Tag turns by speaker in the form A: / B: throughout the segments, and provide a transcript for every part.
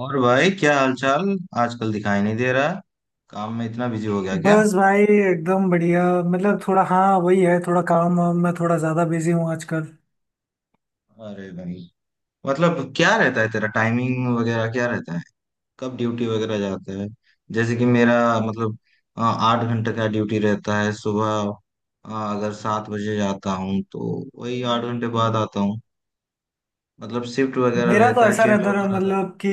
A: और भाई, क्या हालचाल? आजकल दिखाई नहीं दे रहा। काम में इतना बिजी हो गया क्या?
B: बस भाई एकदम बढ़िया। मतलब थोड़ा हाँ वही है, थोड़ा काम वाम में थोड़ा ज्यादा बिजी हूँ आजकल।
A: अरे भाई, मतलब क्या रहता है तेरा? टाइमिंग वगैरह क्या रहता है? कब ड्यूटी वगैरह जाता है? जैसे कि मेरा, मतलब 8 घंटे का ड्यूटी रहता है सुबह। अ, अगर 7 बजे जाता हूँ तो वही 8 घंटे बाद आता हूँ। मतलब शिफ्ट वगैरह
B: मेरा तो
A: रहता है,
B: ऐसा
A: चेंज
B: रहता
A: होता
B: है
A: रहता है।
B: मतलब कि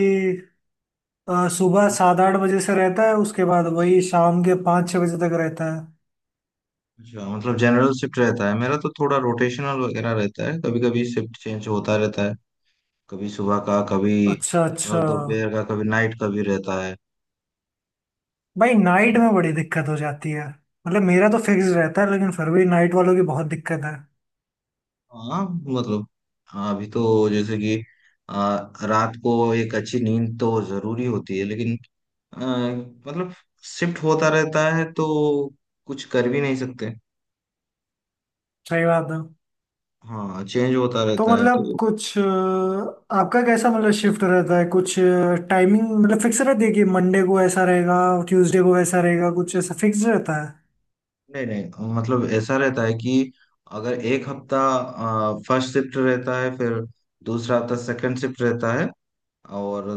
B: सुबह 7-8 बजे से रहता है, उसके बाद वही शाम के 5-6 बजे तक रहता है।
A: अच्छा, मतलब जनरल शिफ्ट रहता है। मेरा तो थोड़ा रोटेशनल वगैरह रहता है, कभी कभी शिफ्ट चेंज होता रहता है। कभी सुबह का, कभी
B: अच्छा अच्छा।
A: मतलब दोपहर का, कभी नाइट का भी रहता है।
B: भाई नाइट में बड़ी दिक्कत हो जाती है, मतलब मेरा तो फिक्स रहता है लेकिन फिर भी नाइट वालों की बहुत दिक्कत है।
A: हाँ मतलब, हाँ, अभी तो जैसे कि आ, रात को एक अच्छी नींद तो जरूरी होती है, लेकिन आ, मतलब शिफ्ट होता रहता है तो कुछ कर भी नहीं सकते।
B: सही बात है।
A: हाँ, चेंज होता
B: तो
A: रहता है
B: मतलब
A: तो।
B: कुछ आपका कैसा मतलब शिफ्ट रहता है, कुछ टाइमिंग मतलब फिक्स रहती है कि मंडे को ऐसा रहेगा, ट्यूसडे को ऐसा रहेगा, कुछ ऐसा फिक्स रहता है?
A: नहीं नहीं, मतलब ऐसा रहता है कि अगर एक हफ्ता फर्स्ट शिफ्ट रहता है, फिर दूसरा हफ्ता सेकंड शिफ्ट रहता है, और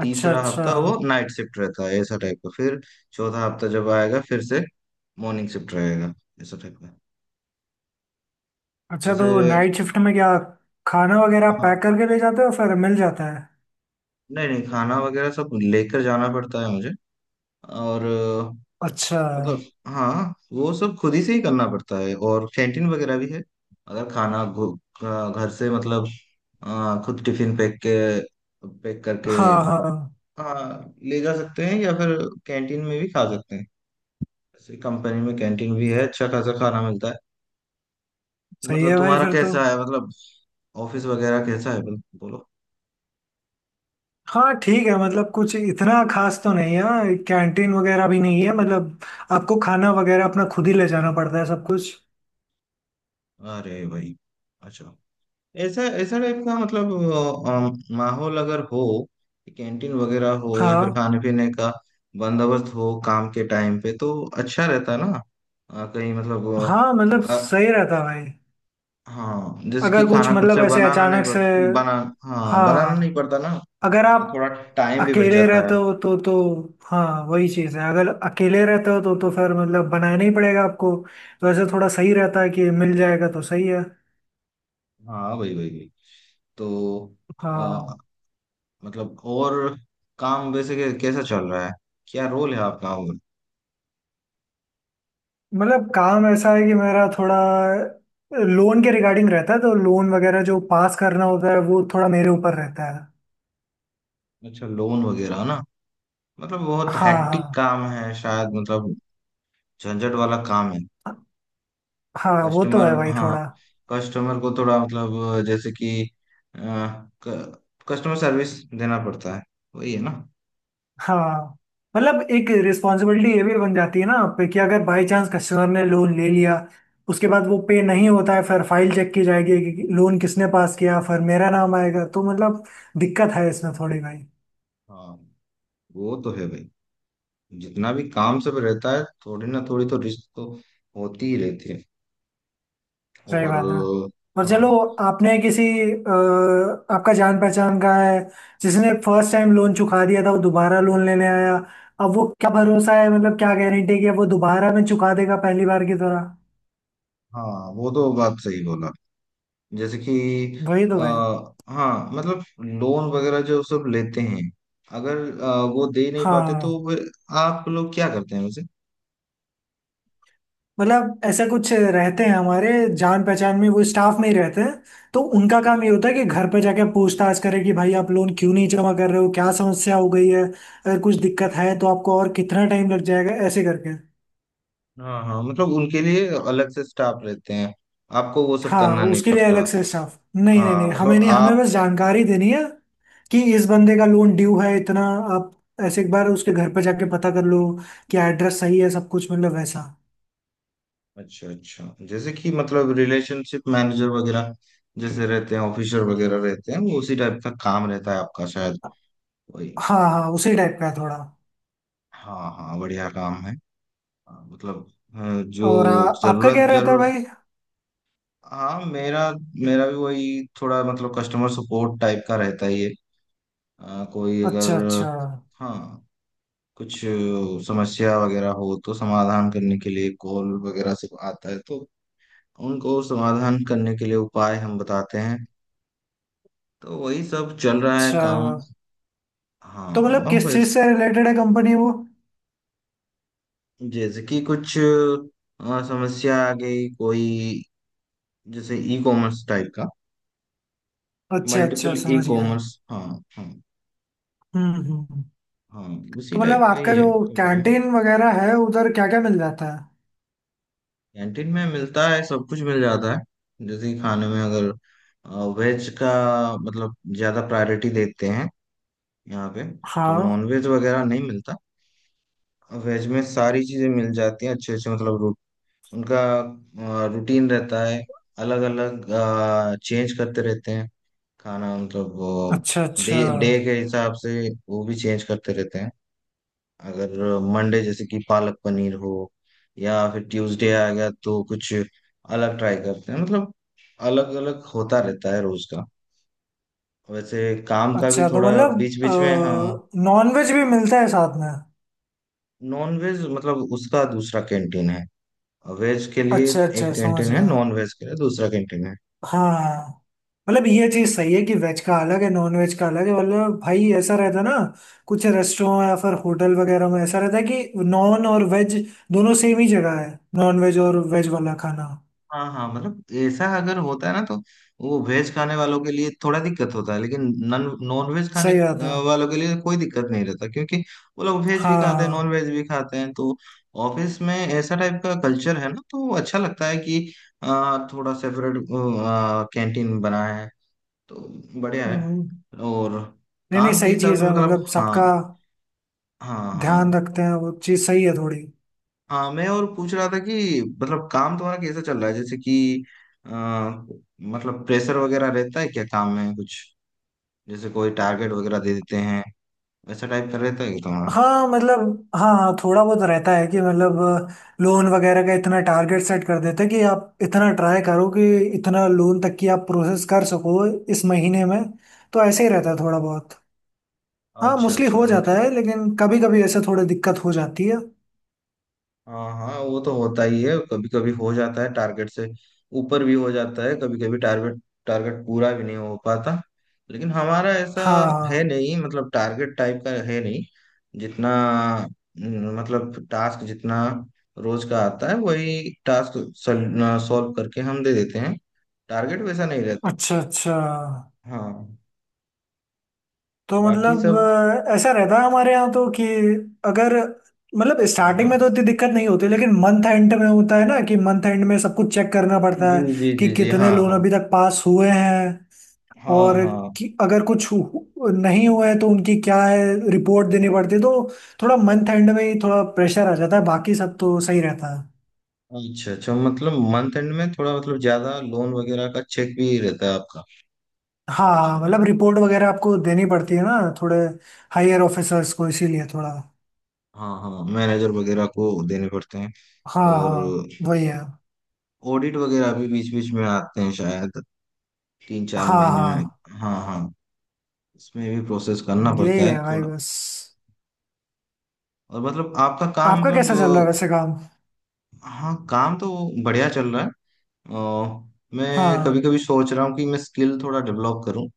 B: अच्छा
A: तीसरा
B: अच्छा।
A: हफ्ता वो नाइट शिफ्ट रहता है। ऐसा टाइप का फिर चौथा हफ्ता जब आएगा फिर से मॉर्निंग शिफ्ट रहेगा, ऐसा टाइप का।
B: अच्छा
A: वैसे
B: तो नाइट शिफ्ट में क्या खाना वगैरह
A: हाँ,
B: पैक करके ले जाते हो, फिर मिल जाता है?
A: नहीं नहीं, खाना वगैरह सब लेकर जाना पड़ता है मुझे। और
B: अच्छा।
A: मतलब हाँ, वो सब खुद ही से ही करना पड़ता है। और कैंटीन वगैरह भी है। अगर खाना घर से मतलब खुद टिफिन पैक के, पैक करके,
B: हाँ हाँ।
A: हाँ, ले जा सकते हैं या फिर कैंटीन में भी खा सकते हैं। ऐसी कंपनी में कैंटीन भी है, अच्छा खासा खाना मिलता है।
B: सही
A: मतलब
B: है भाई
A: तुम्हारा
B: फिर तो।
A: कैसा है? मतलब ऑफिस वगैरह कैसा है, बोलो।
B: हाँ ठीक है, मतलब कुछ इतना खास तो नहीं है, कैंटीन वगैरह भी नहीं है, मतलब आपको खाना वगैरह अपना खुद ही ले जाना पड़ता है सब कुछ।
A: अरे भाई, अच्छा। ऐसा ऐसा टाइप का मतलब माहौल अगर हो, कैंटीन वगैरह हो, या फिर
B: हाँ
A: खाने पीने का बंदोबस्त हो काम के टाइम पे तो अच्छा रहता ना। कहीं मतलब
B: हाँ मतलब
A: अ, अ,
B: सही रहता है भाई।
A: हाँ, जैसे कि
B: अगर कुछ
A: खाना खुद
B: मतलब
A: से
B: ऐसे
A: बनाना नहीं
B: अचानक
A: पड़
B: से।
A: बना हाँ, बनाना नहीं
B: हाँ
A: पड़ता ना,
B: अगर
A: तो
B: आप
A: थोड़ा टाइम भी बच
B: अकेले
A: जाता है।
B: रहते हो तो तो। हाँ वही चीज़ है, अगर अकेले रहते हो तो फिर मतलब बनाना ही पड़ेगा आपको। तो ऐसे थोड़ा सही रहता है कि मिल जाएगा तो सही है।
A: हाँ भाई भाई भाई। तो अ,
B: हाँ।
A: मतलब और काम वैसे कैसा चल रहा है? क्या रोल है आपका? और
B: मतलब काम ऐसा है कि मेरा थोड़ा लोन के रिगार्डिंग रहता है, तो लोन वगैरह जो पास करना होता है वो थोड़ा मेरे ऊपर रहता है।
A: अच्छा, लोन वगैरह ना। मतलब बहुत हैक्टिक
B: हाँ
A: काम है शायद, मतलब झंझट वाला काम है।
B: हाँ। हाँ वो तो
A: कस्टमर,
B: है भाई
A: हाँ,
B: थोड़ा।
A: कस्टमर को थोड़ा मतलब जैसे कि कस्टमर सर्विस देना पड़ता है, वही है ना।
B: हाँ मतलब एक रिस्पॉन्सिबिलिटी ये भी बन जाती है ना आप पे, कि अगर बाई चांस कस्टमर ने लोन ले लिया, उसके बाद वो पे नहीं होता है, फिर फाइल चेक की जाएगी कि लोन किसने पास किया, फिर मेरा नाम आएगा, तो मतलब दिक्कत है इसमें थोड़ी भाई।
A: हाँ, वो तो है भाई, जितना भी काम सब रहता है थोड़ी ना थोड़ी तो रिस्क तो होती ही रहती है।
B: सही
A: और
B: बात है। और चलो
A: हाँ
B: आपने किसी आपका जान पहचान का है जिसने फर्स्ट टाइम लोन चुका दिया था, वो दोबारा लोन लेने आया। अब वो क्या भरोसा है, मतलब क्या गारंटी है कि अब वो दोबारा में चुका देगा पहली बार की तरह?
A: हाँ, वो तो बात सही बोला। जैसे कि
B: वही तो
A: आ,
B: भाई।
A: हाँ मतलब लोन वगैरह जो सब लेते हैं, अगर वो दे नहीं पाते तो
B: हाँ
A: आप लोग क्या करते हैं वैसे?
B: मतलब ऐसा कुछ रहते हैं हमारे, जान पहचान में वो स्टाफ में ही रहते हैं। तो उनका काम ये होता है कि घर पे जाके पूछताछ करें कि भाई आप लोन क्यों नहीं जमा कर रहे हो, क्या समस्या हो गई है, अगर कुछ दिक्कत है तो आपको और कितना टाइम लग जाएगा, ऐसे करके।
A: हाँ हाँ, मतलब उनके लिए अलग से स्टाफ रहते हैं, आपको वो सब
B: हाँ
A: करना नहीं
B: उसके लिए अलग
A: पड़ता।
B: से स्टाफ नहीं, नहीं नहीं
A: हाँ,
B: हमें
A: मतलब
B: नहीं, हमें
A: आप,
B: बस जानकारी देनी है कि इस बंदे का लोन ड्यू है इतना, आप ऐसे एक बार उसके घर पे जाके पता कर लो कि एड्रेस सही है सब कुछ मतलब वैसा।
A: अच्छा अच्छा, जैसे कि मतलब रिलेशनशिप मैनेजर वगैरह जैसे रहते हैं, ऑफिसर वगैरह रहते हैं, वो उसी टाइप का काम रहता है आपका शायद, वही।
B: हाँ हाँ उसी टाइप का है थोड़ा।
A: हाँ हाँ, बढ़िया काम है। हाँ, मतलब अ,
B: और
A: जो
B: आपका क्या
A: जरूरत
B: रहता है
A: जरूर।
B: भाई?
A: हाँ मेरा मेरा भी वही थोड़ा मतलब कस्टमर सपोर्ट टाइप का रहता ही है। कोई
B: अच्छा
A: अगर,
B: अच्छा।
A: हाँ, कुछ समस्या वगैरह हो तो समाधान करने के लिए कॉल वगैरह से आता है, तो उनको समाधान करने के लिए उपाय हम बताते हैं। तो वही सब चल रहा है
B: अच्छा
A: काम। हाँ।
B: तो मतलब
A: हाँ,
B: किस चीज
A: बस
B: से रिलेटेड है कंपनी वो?
A: जैसे कि कुछ समस्या आ गई कोई, जैसे ई कॉमर्स टाइप का,
B: अच्छा
A: मल्टीपल
B: अच्छा
A: ई
B: समझ गया।
A: कॉमर्स। हाँ। हाँ।
B: हम्म हम्म हम्म।
A: हाँ, उसी
B: तो
A: टाइप
B: मतलब
A: का
B: आपका
A: ही है
B: जो
A: कंपनी।
B: कैंटीन वगैरह है उधर क्या क्या मिल जाता है?
A: कैंटीन में मिलता है, सब कुछ मिल जाता है। जैसे कि खाने में अगर वेज का मतलब ज्यादा प्रायोरिटी देते हैं यहाँ पे, तो नॉन
B: हाँ।
A: वेज वगैरह नहीं मिलता। वेज में सारी चीजें मिल जाती हैं, अच्छे अच्छे। मतलब उनका रूटीन रहता है, अलग अलग चेंज करते रहते हैं खाना मतलब।
B: अच्छा
A: डे,
B: अच्छा।
A: डे के हिसाब से वो भी चेंज करते रहते हैं। अगर मंडे जैसे कि पालक पनीर हो, या फिर ट्यूसडे आ गया तो कुछ अलग ट्राई करते हैं। मतलब अलग अलग होता रहता है रोज का। वैसे काम का भी
B: अच्छा तो
A: थोड़ा
B: मतलब
A: बीच बीच में, हाँ,
B: नॉन वेज भी मिलता है साथ में?
A: नॉन वेज मतलब उसका दूसरा कैंटीन है, वेज के लिए
B: अच्छा
A: एक
B: अच्छा समझ
A: कैंटीन है,
B: गया।
A: नॉन वेज के लिए दूसरा कैंटीन है।
B: हाँ मतलब ये चीज सही है कि वेज का अलग है नॉन वेज का अलग है, मतलब भाई ऐसा रहता है ना, कुछ रेस्टोरेंट या फिर होटल वगैरह में ऐसा रहता है कि नॉन और वेज दोनों सेम ही जगह है, नॉन वेज और वेज वाला खाना।
A: हाँ हाँ, मतलब ऐसा अगर होता है ना तो वो वेज खाने वालों के लिए थोड़ा दिक्कत होता है, लेकिन नॉन नॉन वेज खाने
B: सही बात है।
A: वालों के लिए कोई दिक्कत नहीं रहता, क्योंकि वो लोग वेज भी खाते हैं, नॉन
B: हाँ
A: वेज भी खाते हैं। तो ऑफिस में ऐसा टाइप का कल्चर है ना, तो अच्छा लगता है कि थोड़ा सेपरेट कैंटीन बना है तो बढ़िया है।
B: हम्म।
A: और
B: नहीं नहीं
A: काम के
B: सही
A: हिसाब
B: चीज
A: से
B: है,
A: मतलब,
B: मतलब
A: हाँ।
B: सबका
A: हाँ
B: ध्यान
A: हाँ
B: रखते हैं, वो चीज सही है थोड़ी।
A: हाँ। मैं और पूछ रहा था कि मतलब काम तुम्हारा कैसा चल रहा है? जैसे कि अ, मतलब प्रेशर वगैरह रहता है क्या काम में कुछ? जैसे कोई टारगेट वगैरह दे देते हैं, वैसा टाइप का रहता है क्या तुम्हारा?
B: हाँ मतलब। हाँ हाँ थोड़ा बहुत रहता है कि मतलब लोन वगैरह का इतना टारगेट सेट कर देते हैं कि आप इतना ट्राई करो कि इतना लोन तक की आप प्रोसेस कर सको इस महीने में। तो ऐसे ही रहता है थोड़ा बहुत। हाँ
A: अच्छा
B: मोस्टली
A: अच्छा,
B: हो जाता है
A: मतलब
B: लेकिन कभी कभी ऐसे थोड़ी दिक्कत हो जाती है।
A: हाँ हाँ, वो तो होता ही है, कभी कभी हो जाता है टारगेट से ऊपर भी हो जाता है। कभी कभी टारगेट, टारगेट पूरा भी नहीं हो पाता। लेकिन हमारा ऐसा
B: हाँ
A: है
B: हाँ।
A: नहीं, मतलब टारगेट टाइप का है नहीं। जितना न, मतलब टास्क जितना रोज का आता है, वही टास्क सॉल्व करके हम दे देते हैं, टारगेट वैसा नहीं रहता।
B: अच्छा अच्छा।
A: हाँ,
B: तो
A: बाकी
B: मतलब
A: सब।
B: ऐसा रहता है हमारे यहाँ तो कि अगर मतलब
A: हाँ
B: स्टार्टिंग
A: हाँ,
B: में तो इतनी दिक्कत नहीं होती लेकिन मंथ एंड में होता है ना, कि मंथ एंड में सब कुछ चेक करना पड़ता है
A: जी जी
B: कि
A: जी जी,
B: कितने
A: हाँ
B: लोन
A: हाँ।
B: अभी तक पास हुए हैं,
A: हाँ
B: और
A: हाँ।
B: कि अगर कुछ नहीं हुए हैं तो उनकी क्या है रिपोर्ट देनी पड़ती है, तो थोड़ा मंथ एंड में ही थोड़ा प्रेशर आ जाता है, बाकी सब तो सही रहता है।
A: अच्छा अच्छा, मतलब मंथ एंड में थोड़ा मतलब ज्यादा लोन वगैरह का चेक भी रहता है आपका।
B: हाँ
A: अच्छा
B: हाँ,
A: है।
B: मतलब रिपोर्ट वगैरह आपको देनी पड़ती है ना थोड़े हायर ऑफिसर्स को इसीलिए थोड़ा।
A: हाँ हाँ, मैनेजर वगैरह को देने पड़ते हैं।
B: हाँ
A: और
B: हाँ वही है।
A: ऑडिट वगैरह भी बीच बीच में आते हैं शायद, तीन चार
B: हाँ
A: महीने में।
B: हाँ।
A: हाँ हाँ, इसमें भी प्रोसेस करना
B: यही
A: पड़ता है
B: है भाई
A: थोड़ा।
B: बस।
A: और मतलब आपका काम
B: आपका कैसा चल रहा है
A: मतलब
B: वैसे काम?
A: हाँ, काम तो बढ़िया चल रहा है। अ, मैं कभी
B: हाँ।
A: कभी सोच रहा हूँ कि मैं स्किल थोड़ा डेवलप करूँ।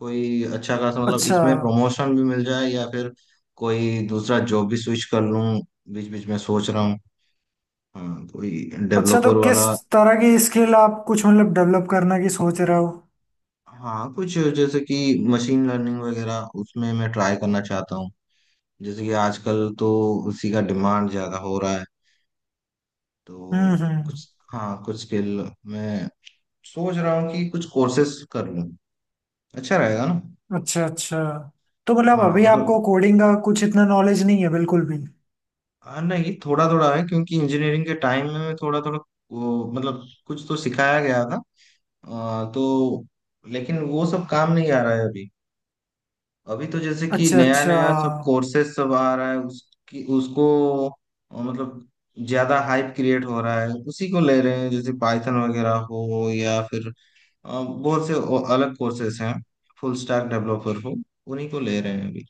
A: कोई अच्छा खासा मतलब
B: अच्छा
A: इसमें प्रमोशन भी मिल जाए या फिर कोई दूसरा जॉब भी स्विच कर लूं। बीच बीच में सोच रहा हूँ, हाँ कोई
B: अच्छा। तो
A: डेवलपर
B: किस
A: वाला।
B: तरह की स्किल आप कुछ मतलब डेवलप करने की सोच रहे हो?
A: हाँ कुछ जैसे कि मशीन लर्निंग वगैरह, उसमें मैं ट्राई करना चाहता हूँ। जैसे कि आजकल तो उसी का डिमांड ज्यादा हो रहा है। तो
B: हम्म।
A: कुछ, हाँ कुछ स्किल मैं सोच रहा हूँ कि कुछ कोर्सेस कर लूँ, अच्छा रहेगा ना।
B: अच्छा अच्छा। तो मतलब
A: हाँ
B: अभी
A: मतलब,
B: आपको कोडिंग का कुछ इतना नॉलेज नहीं है बिल्कुल भी?
A: हाँ, नहीं, थोड़ा थोड़ा है क्योंकि इंजीनियरिंग के टाइम में थोड़ा थोड़ा वो मतलब कुछ तो सिखाया गया था। तो लेकिन वो सब काम नहीं आ रहा है अभी। अभी तो जैसे कि
B: अच्छा
A: नया
B: अच्छा।
A: नया सब कोर्सेज सब आ रहा है, उसकी उसको मतलब ज्यादा हाइप क्रिएट हो रहा है, उसी को ले रहे हैं, जैसे पाइथन वगैरह हो या फिर बहुत से और अलग कोर्सेज हैं, फुल स्टैक डेवलपर हो, उन्हीं को ले रहे हैं अभी।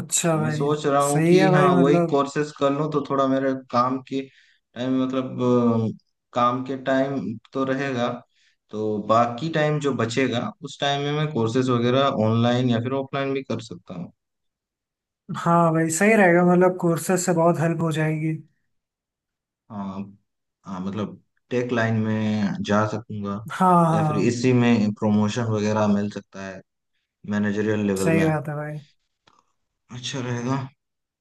B: अच्छा
A: तो मैं
B: भाई।
A: सोच रहा हूँ
B: सही
A: कि
B: है
A: हाँ
B: भाई
A: वही
B: मतलब।
A: कोर्सेस कर लूँ तो थोड़ा मेरे काम के टाइम, मतलब काम के टाइम तो रहेगा, तो बाकी टाइम जो बचेगा उस टाइम में मैं कोर्सेज वगैरह ऑनलाइन या फिर ऑफलाइन भी कर सकता हूँ।
B: हाँ भाई सही रहेगा, मतलब कोर्सेज से बहुत हेल्प हो जाएगी।
A: हाँ हाँ, मतलब टेक लाइन में जा सकूंगा
B: हाँ
A: या फिर
B: हाँ
A: इसी में प्रमोशन वगैरह मिल सकता है, मैनेजरियल लेवल
B: सही
A: में।
B: बात है भाई।
A: अच्छा रहेगा।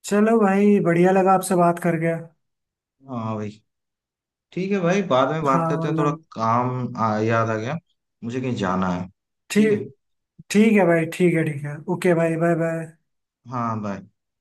B: चलो भाई बढ़िया लगा आपसे बात करके।
A: हाँ भाई, ठीक है भाई, बाद में बात
B: हाँ
A: करते हैं, थोड़ा
B: मतलब।
A: काम याद आ गया, मुझे कहीं जाना है। ठीक है।
B: ठीक। ठीक है भाई, ठीक है ठीक है, ओके भाई, बाय बाय।
A: हाँ, बाय।